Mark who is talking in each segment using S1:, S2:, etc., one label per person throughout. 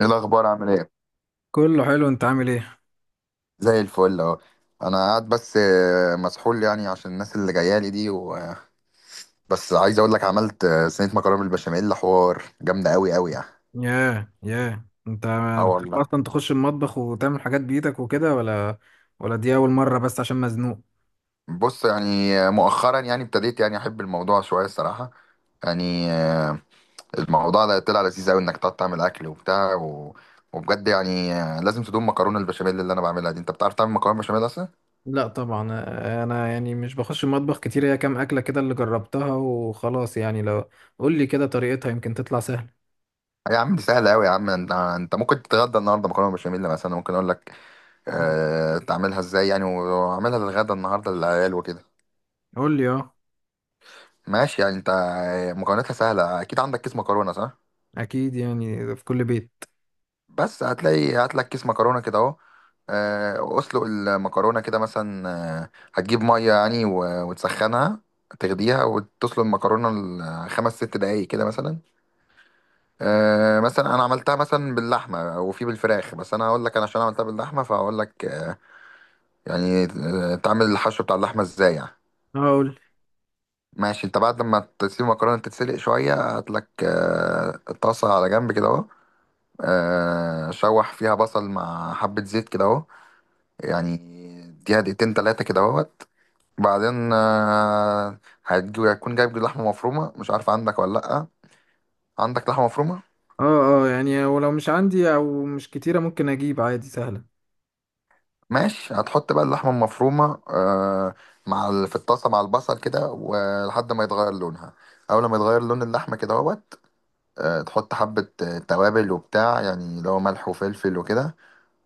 S1: ايه الاخبار؟ عامل ايه؟
S2: كله حلو، انت عامل ايه؟
S1: زي الفل اهو. انا قاعد بس مسحول يعني عشان الناس اللي جايه لي دي و... آه، بس عايز اقول لك، عملت صينيه مكرونه بالبشاميل، حوار جامده قوي يعني.
S2: ياه ياه انت!
S1: اه
S2: بتحب
S1: والله.
S2: اصلا تخش المطبخ وتعمل حاجات بايدك وكده، ولا دي اول مره بس عشان مزنوق؟
S1: بص يعني، مؤخرا يعني ابتديت يعني احب الموضوع شويه الصراحه. يعني آه، الموضوع ده طلع لذيذ قوي انك تقعد تعمل اكل وبتاع. وبجد يعني لازم تدوم مكرونه البشاميل اللي انا بعملها دي. انت بتعرف تعمل مكرونه بشاميل اصلا؟
S2: لا طبعا. انا يعني مش بخش المطبخ كتير، هي كام اكله كده اللي جربتها وخلاص، يعني لو قول لي كده طريقتها يمكن تطلع سهله.
S1: يا عم دي سهله قوي، يا عم، انت ممكن تتغدى النهارده مكرونه بشاميل مثلا. ممكن اقول لك تعملها ازاي يعني، واعملها للغدا النهارده للعيال وكده.
S2: قول لي اه.
S1: ماشي يعني، انت مكوناتها سهله. اكيد عندك كيس مكرونه صح؟
S2: اكيد، يعني في كل بيت.
S1: بس هتلاقي، هات لك كيس مكرونه كده اهو. اسلق المكرونه كده مثلا. هتجيب ميه يعني وتسخنها، تغليها وتسلق المكرونه خمس ست دقايق كده مثلا. مثلا انا عملتها مثلا باللحمه وفي بالفراخ، بس انا هقول لك انا عشان عملتها باللحمه فهقول لك تعمل الحشو بتاع اللحمه ازاي يعني.
S2: اه، قول لي.
S1: ماشي، انت بعد ما تسيب المكرونه تتسلق شويه هات لك طاسه على جنب كده اهو. شوح فيها بصل مع حبه زيت كده اهو يعني، اديها دقيقتين تلاته كده اهوت. بعدين هتكون جايب لحمه مفرومه، مش عارف عندك ولا لا. عندك لحمه مفرومه؟
S2: اه اه، يعني ولو مش عندي او مش كتيره ممكن اجيب عادي، سهله.
S1: ماشي، هتحط بقى اللحمه المفرومه في الطاسه مع البصل كده ولحد ما يتغير لونها. اول ما يتغير لون اللحمه كده اهوت تحط حبة توابل وبتاع، يعني اللي هو ملح وفلفل وكده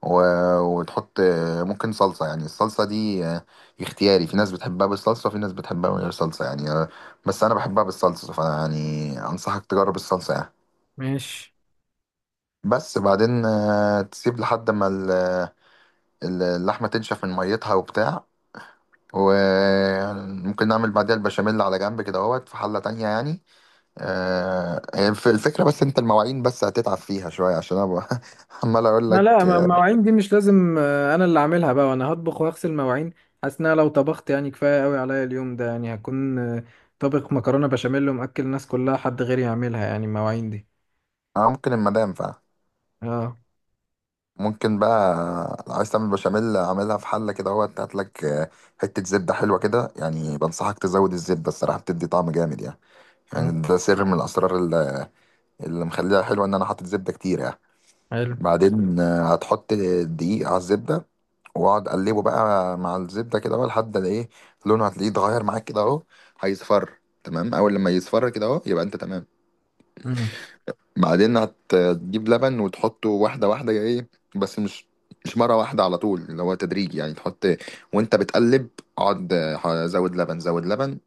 S1: و... وتحط ممكن صلصة. يعني الصلصة دي اختياري، في ناس بتحبها بالصلصة وفي ناس بتحبها من غير صلصة، يعني بس أنا بحبها بالصلصة، فيعني أنصحك تجرب الصلصة يعني.
S2: ماشي.
S1: بس بعدين تسيب لحد ما اللحمة تنشف من ميتها وبتاع. وممكن نعمل بعدها البشاميل على جنب كده اهوت في حلة تانية يعني. الفكرة، بس انت المواعين بس هتتعب فيها شوية عشان انا عمال اقول
S2: ما
S1: لك
S2: لا ما المواعين دي مش لازم، انا اللي اعملها بقى وانا هطبخ واغسل مواعين. حاسس ان انا لو طبخت يعني كفايه قوي عليا اليوم ده، يعني هكون طابخ مكرونه بشاميل ومأكل الناس كلها، حد غيري يعملها يعني المواعين دي.
S1: اه. ممكن المدام فعلا.
S2: اه.
S1: ممكن بقى لو عايز تعمل بشاميل، اعملها في حلة كده اهوت. هات لك حتة زبدة حلوة كده. يعني بنصحك تزود الزبدة، الصراحة بتدي طعم جامد يعني.
S2: آه،
S1: يعني ده سر من الاسرار اللي مخليها حلوة، ان انا حاطط زبدة كتير يعني.
S2: حلو.
S1: بعدين هتحط دقيق على الزبدة، واقعد اقلبه بقى مع الزبدة كده بقى لحد ما ايه، لونه هتلاقيه اتغير معاك كده اهو، هيصفر تمام. اول لما يصفر كده اهو، يبقى انت تمام.
S2: مم.
S1: بعدين هتجيب لبن وتحطه واحدة واحدة، ايه، بس مش مرة واحدة على طول، اللي هو تدريج يعني، تحط وانت بتقلب، اقعد زود لبن زود لبن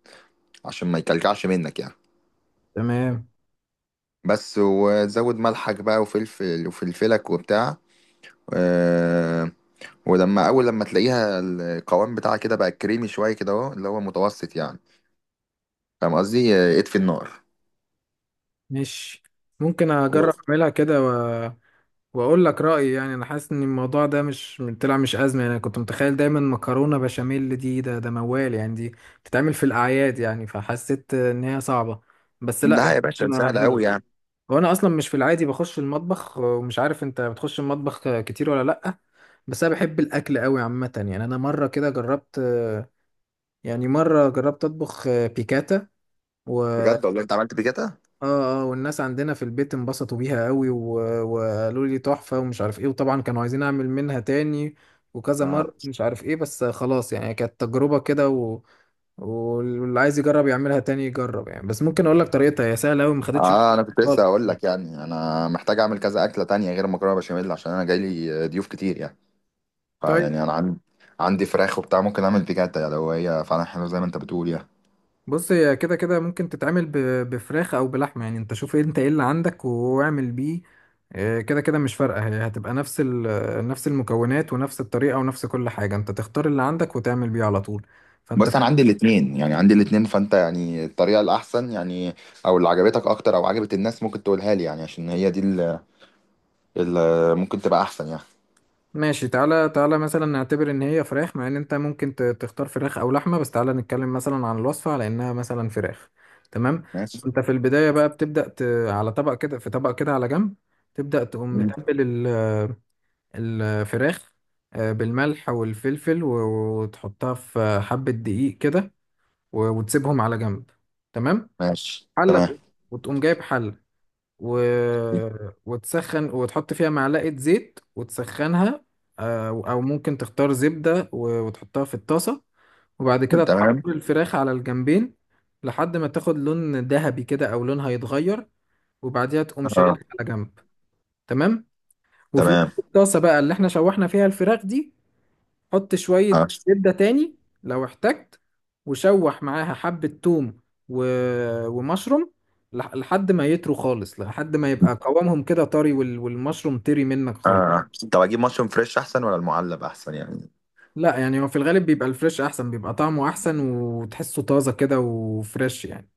S1: عشان ما يكلكعش منك يعني.
S2: تمام.
S1: بس، وتزود ملحك بقى وفلفل وفلفلك وبتاع آه، ولما اول لما تلاقيها القوام بتاعها كده بقى كريمي شويه كده اهو، اللي هو متوسط يعني، فاهم قصدي، اطفي النار
S2: ماشي، ممكن
S1: و-
S2: اجرب اعملها كده، واقول لك رايي، يعني انا حاسس ان الموضوع ده مش طلع مش ازمه، يعني انا كنت متخيل دايما مكرونه بشاميل دي ده موال، يعني دي بتتعمل في الاعياد، يعني فحسيت ان هي صعبه. بس لا،
S1: لا يا
S2: يعني
S1: باشا
S2: ممكن
S1: سهله قوي
S2: اجرب.
S1: يعني.
S2: هو انا اصلا مش في العادي بخش المطبخ، ومش عارف انت بتخش المطبخ كتير ولا لا؟ بس انا بحب الاكل قوي عامه، يعني انا مره كده جربت، يعني مره جربت اطبخ بيكاتا. اه
S1: بجد والله انت عملت بكده؟
S2: اه، والناس عندنا في البيت انبسطوا بيها قوي، و... وقالوا لي تحفه ومش عارف ايه، وطبعا كانوا عايزين اعمل منها تاني وكذا
S1: اه
S2: مره، مش عارف ايه، بس خلاص يعني كانت تجربه كده، واللي عايز يجرب يعملها تاني يجرب، يعني بس ممكن اقول لك طريقتها، هي سهله قوي ما خدتش
S1: اه، انا كنت لسه
S2: خالص.
S1: هقول لك يعني، انا محتاج اعمل كذا اكله تانية غير المكرونه بشاميل عشان انا جاي لي ضيوف كتير يعني.
S2: طيب،
S1: فيعني انا عندي فراخ وبتاع، ممكن اعمل بيكاتا يعني لو هي فعلا حلوه زي ما انت بتقول يعني.
S2: بص هي كده كده ممكن تتعمل بفراخ او بلحمه، يعني انت شوف إيه انت ايه اللي عندك واعمل بيه. كده كده مش فارقه، هي هتبقى نفس المكونات ونفس الطريقه ونفس كل حاجه، انت تختار اللي عندك وتعمل بيه على طول. فانت
S1: بس انا عندي الاثنين، يعني عندي الاثنين، فانت يعني الطريقه الاحسن يعني، او اللي عجبتك اكتر او عجبت الناس، ممكن تقولها لي يعني عشان هي دي ممكن تبقى احسن يعني.
S2: ماشي. تعالى تعالى مثلا نعتبر ان هي فراخ، مع ان انت ممكن تختار فراخ او لحمه، بس تعالى نتكلم مثلا عن الوصفه على انها مثلا فراخ. تمام.
S1: ماشي.
S2: انت في البدايه بقى بتبدا على طبق كده، في طبق كده على جنب، تبدا تقوم
S1: مم.
S2: متبل الفراخ بالملح والفلفل وتحطها في حبة دقيق كده، وتسيبهم على جنب. تمام.
S1: ماشي تمام.
S2: حلة، وتقوم جايب حلة و... وتسخن وتحط فيها معلقة زيت وتسخنها. أو ممكن تختار زبدة وتحطها في الطاسة، وبعد كده تحمر
S1: تمام.
S2: الفراخ على الجنبين، لحد ما تاخد لون ذهبي كده أو لونها يتغير، وبعديها تقوم
S1: اه.
S2: شايلها على جنب. تمام. وفي
S1: تمام.
S2: نفس الطاسة بقى اللي احنا شوحنا فيها الفراخ دي، حط شوية
S1: اه
S2: زبدة تاني لو احتجت، وشوح معاها حبة توم و... ومشروم، لحد ما يطروا خالص، لحد ما يبقى قوامهم كده طري والمشروم طري منك خالص.
S1: اه، طب اجيب مشروم فريش احسن ولا المعلب احسن يعني؟
S2: لا، يعني هو في الغالب بيبقى الفريش احسن، بيبقى طعمه احسن وتحسه طازة كده وفريش يعني.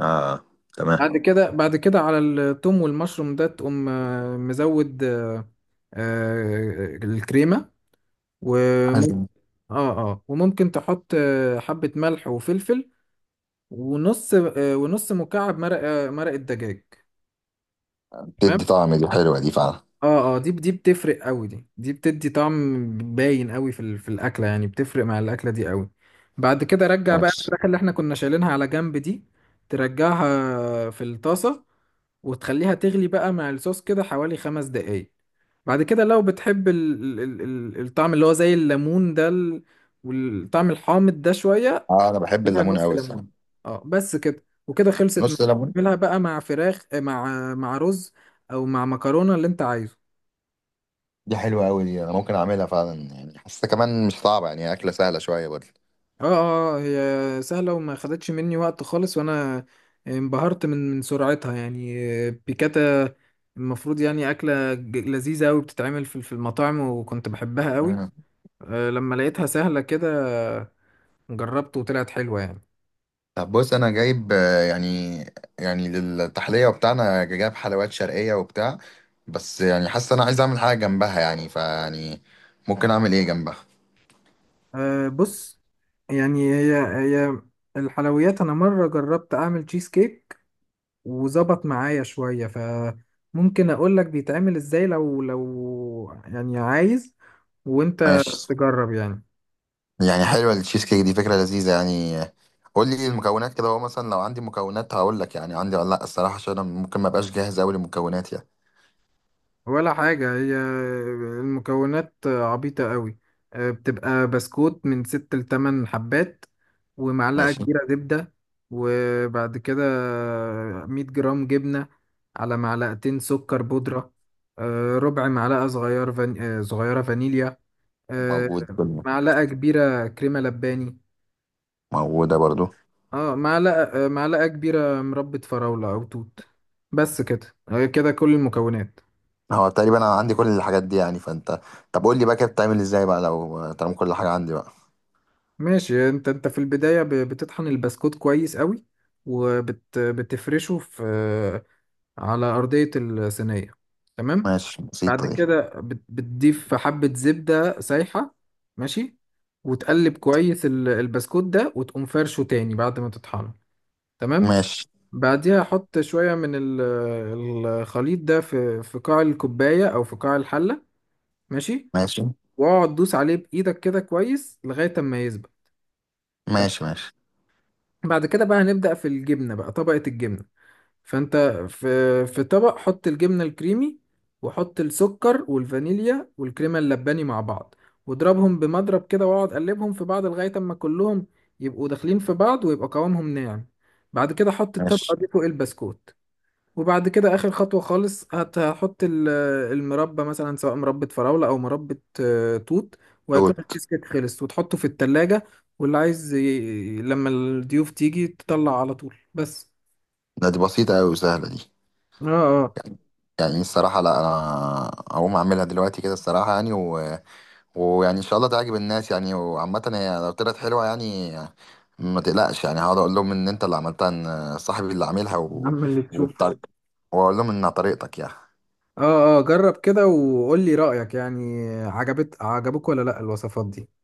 S1: اه. تمام.
S2: بعد كده على التوم والمشروم ده تقوم مزود الكريمة. وممكن
S1: حلو.
S2: اه اه، وممكن تحط حبة ملح وفلفل، ونص مكعب مرق الدجاج.
S1: بتدي
S2: تمام.
S1: طعم، دي حلوه دي فعلا.
S2: اه اه، دي بتفرق قوي، دي بتدي طعم باين قوي في الاكله، يعني بتفرق مع الاكله دي قوي. بعد كده رجع بقى
S1: ماشي.
S2: الفراخ اللي احنا كنا شايلينها على جنب دي، ترجعها في الطاسه، وتخليها تغلي بقى مع الصوص كده حوالي 5 دقايق. بعد كده لو بتحب الطعم اللي هو زي الليمون ده والطعم الحامض ده شوية،
S1: اه انا بحب
S2: لها
S1: الليمون
S2: نص
S1: قوي
S2: ليمون.
S1: الصراحه.
S2: اه، بس كده وكده خلصت معاك.
S1: نص ليمون.
S2: تعملها بقى مع فراخ، مع رز، او مع مكرونه اللي انت عايزه.
S1: دي حلوه قوي دي، انا ممكن اعملها فعلا يعني، حاسه كمان مش صعبه يعني، اكله سهله شويه.
S2: اه اه، هي سهله وما خدتش مني وقت خالص، وانا انبهرت من سرعتها يعني. بيكاتا المفروض يعني اكله لذيذه قوي، بتتعمل في المطاعم، وكنت بحبها قوي
S1: برضه.
S2: لما لقيتها سهله كده، جربت وطلعت حلوه يعني.
S1: طب بص انا جايب يعني للتحليه بتاعنا جايب حلويات شرقيه وبتاع، بس يعني حاسس انا عايز اعمل حاجه جنبها يعني، فيعني ممكن اعمل ايه جنبها؟
S2: بص، يعني هي الحلويات، انا مره جربت اعمل تشيز كيك وظبط معايا شوية، فممكن اقول لك بيتعمل ازاي لو يعني عايز وانت
S1: ماشي.
S2: تجرب يعني.
S1: يعني حلوه التشيز كيك دي، فكره لذيذه يعني. قول لي المكونات كده، هو مثلا لو عندي مكونات هقول لك يعني عندي ولا لا الصراحه، عشان انا ممكن ما ابقاش جاهز قوي للمكونات يعني.
S2: ولا حاجة، هي المكونات عبيطة قوي. بتبقى بسكوت من ست لتمن حبات، ومعلقة
S1: ماشي.
S2: كبيرة زبدة، وبعد كده 100 جرام جبنة، على معلقتين سكر بودرة، ربع معلقة صغيرة فانيليا، آه،
S1: موجود كله.
S2: معلقة كبيرة كريمة لباني.
S1: موجوده برضو.
S2: اه، معلقة كبيرة مربة فراولة أو توت. بس كده، كده كل المكونات.
S1: هو تقريبا انا عندي كل الحاجات دي يعني، فانت طب قول لي بقى كده بتعمل ازاي بقى لو طالما كل حاجه عندي بقى.
S2: ماشي. انت في البداية بتطحن البسكوت كويس قوي، وبتفرشه في آه، على أرضية الصينية. تمام.
S1: ماشي. بسيطه
S2: بعد
S1: دي.
S2: كده بتضيف حبة زبدة سايحة. ماشي. وتقلب كويس البسكوت ده، وتقوم فرشه تاني بعد ما تطحنه. تمام.
S1: ماشي.
S2: بعديها احط شويه من الخليط ده في قاع الكوبايه، او في قاع الحله. ماشي.
S1: ماشي.
S2: واقعد دوس عليه بايدك كده كويس لغايه اما يسبق. طب،
S1: ماشي. ماشي.
S2: بعد كده بقى هنبدا في الجبنه بقى، طبقه الجبنه. فانت في في طبق، حط الجبنه الكريمي، وحط السكر والفانيليا والكريمه اللباني مع بعض، واضربهم بمضرب كده، واقعد قلبهم في بعض لغايه اما كلهم يبقوا داخلين في بعض ويبقى قوامهم ناعم. بعد كده حط الطبقه
S1: ماشي.
S2: دي فوق البسكوت. وبعد كده اخر خطوه خالص، هحط المربى، مثلا سواء مربى فراوله او مربى توت، وهيكون
S1: دول.
S2: التشيز كيك خلص وتحطه في التلاجة. واللي عايز لما الضيوف تيجي تطلع على طول بس.
S1: ده دي بسيطة أوي وسهلة دي،
S2: اه اه،
S1: يعني الصراحة. لا أنا هقوم أعملها دلوقتي كده الصراحة يعني ويعني إن شاء الله تعجب الناس يعني. وعامة هي لو طلعت حلوة يعني ما تقلقش، يعني هقعد أقول لهم إن أنت اللي عملتها، إن صاحبي اللي عاملها
S2: يا عم اللي تشوفه.
S1: والطريق، وأقول لهم إنها طريقتك يعني.
S2: اه اه، جرب كده وقول لي رأيك، يعني عجبك ولا لا الوصفات دي؟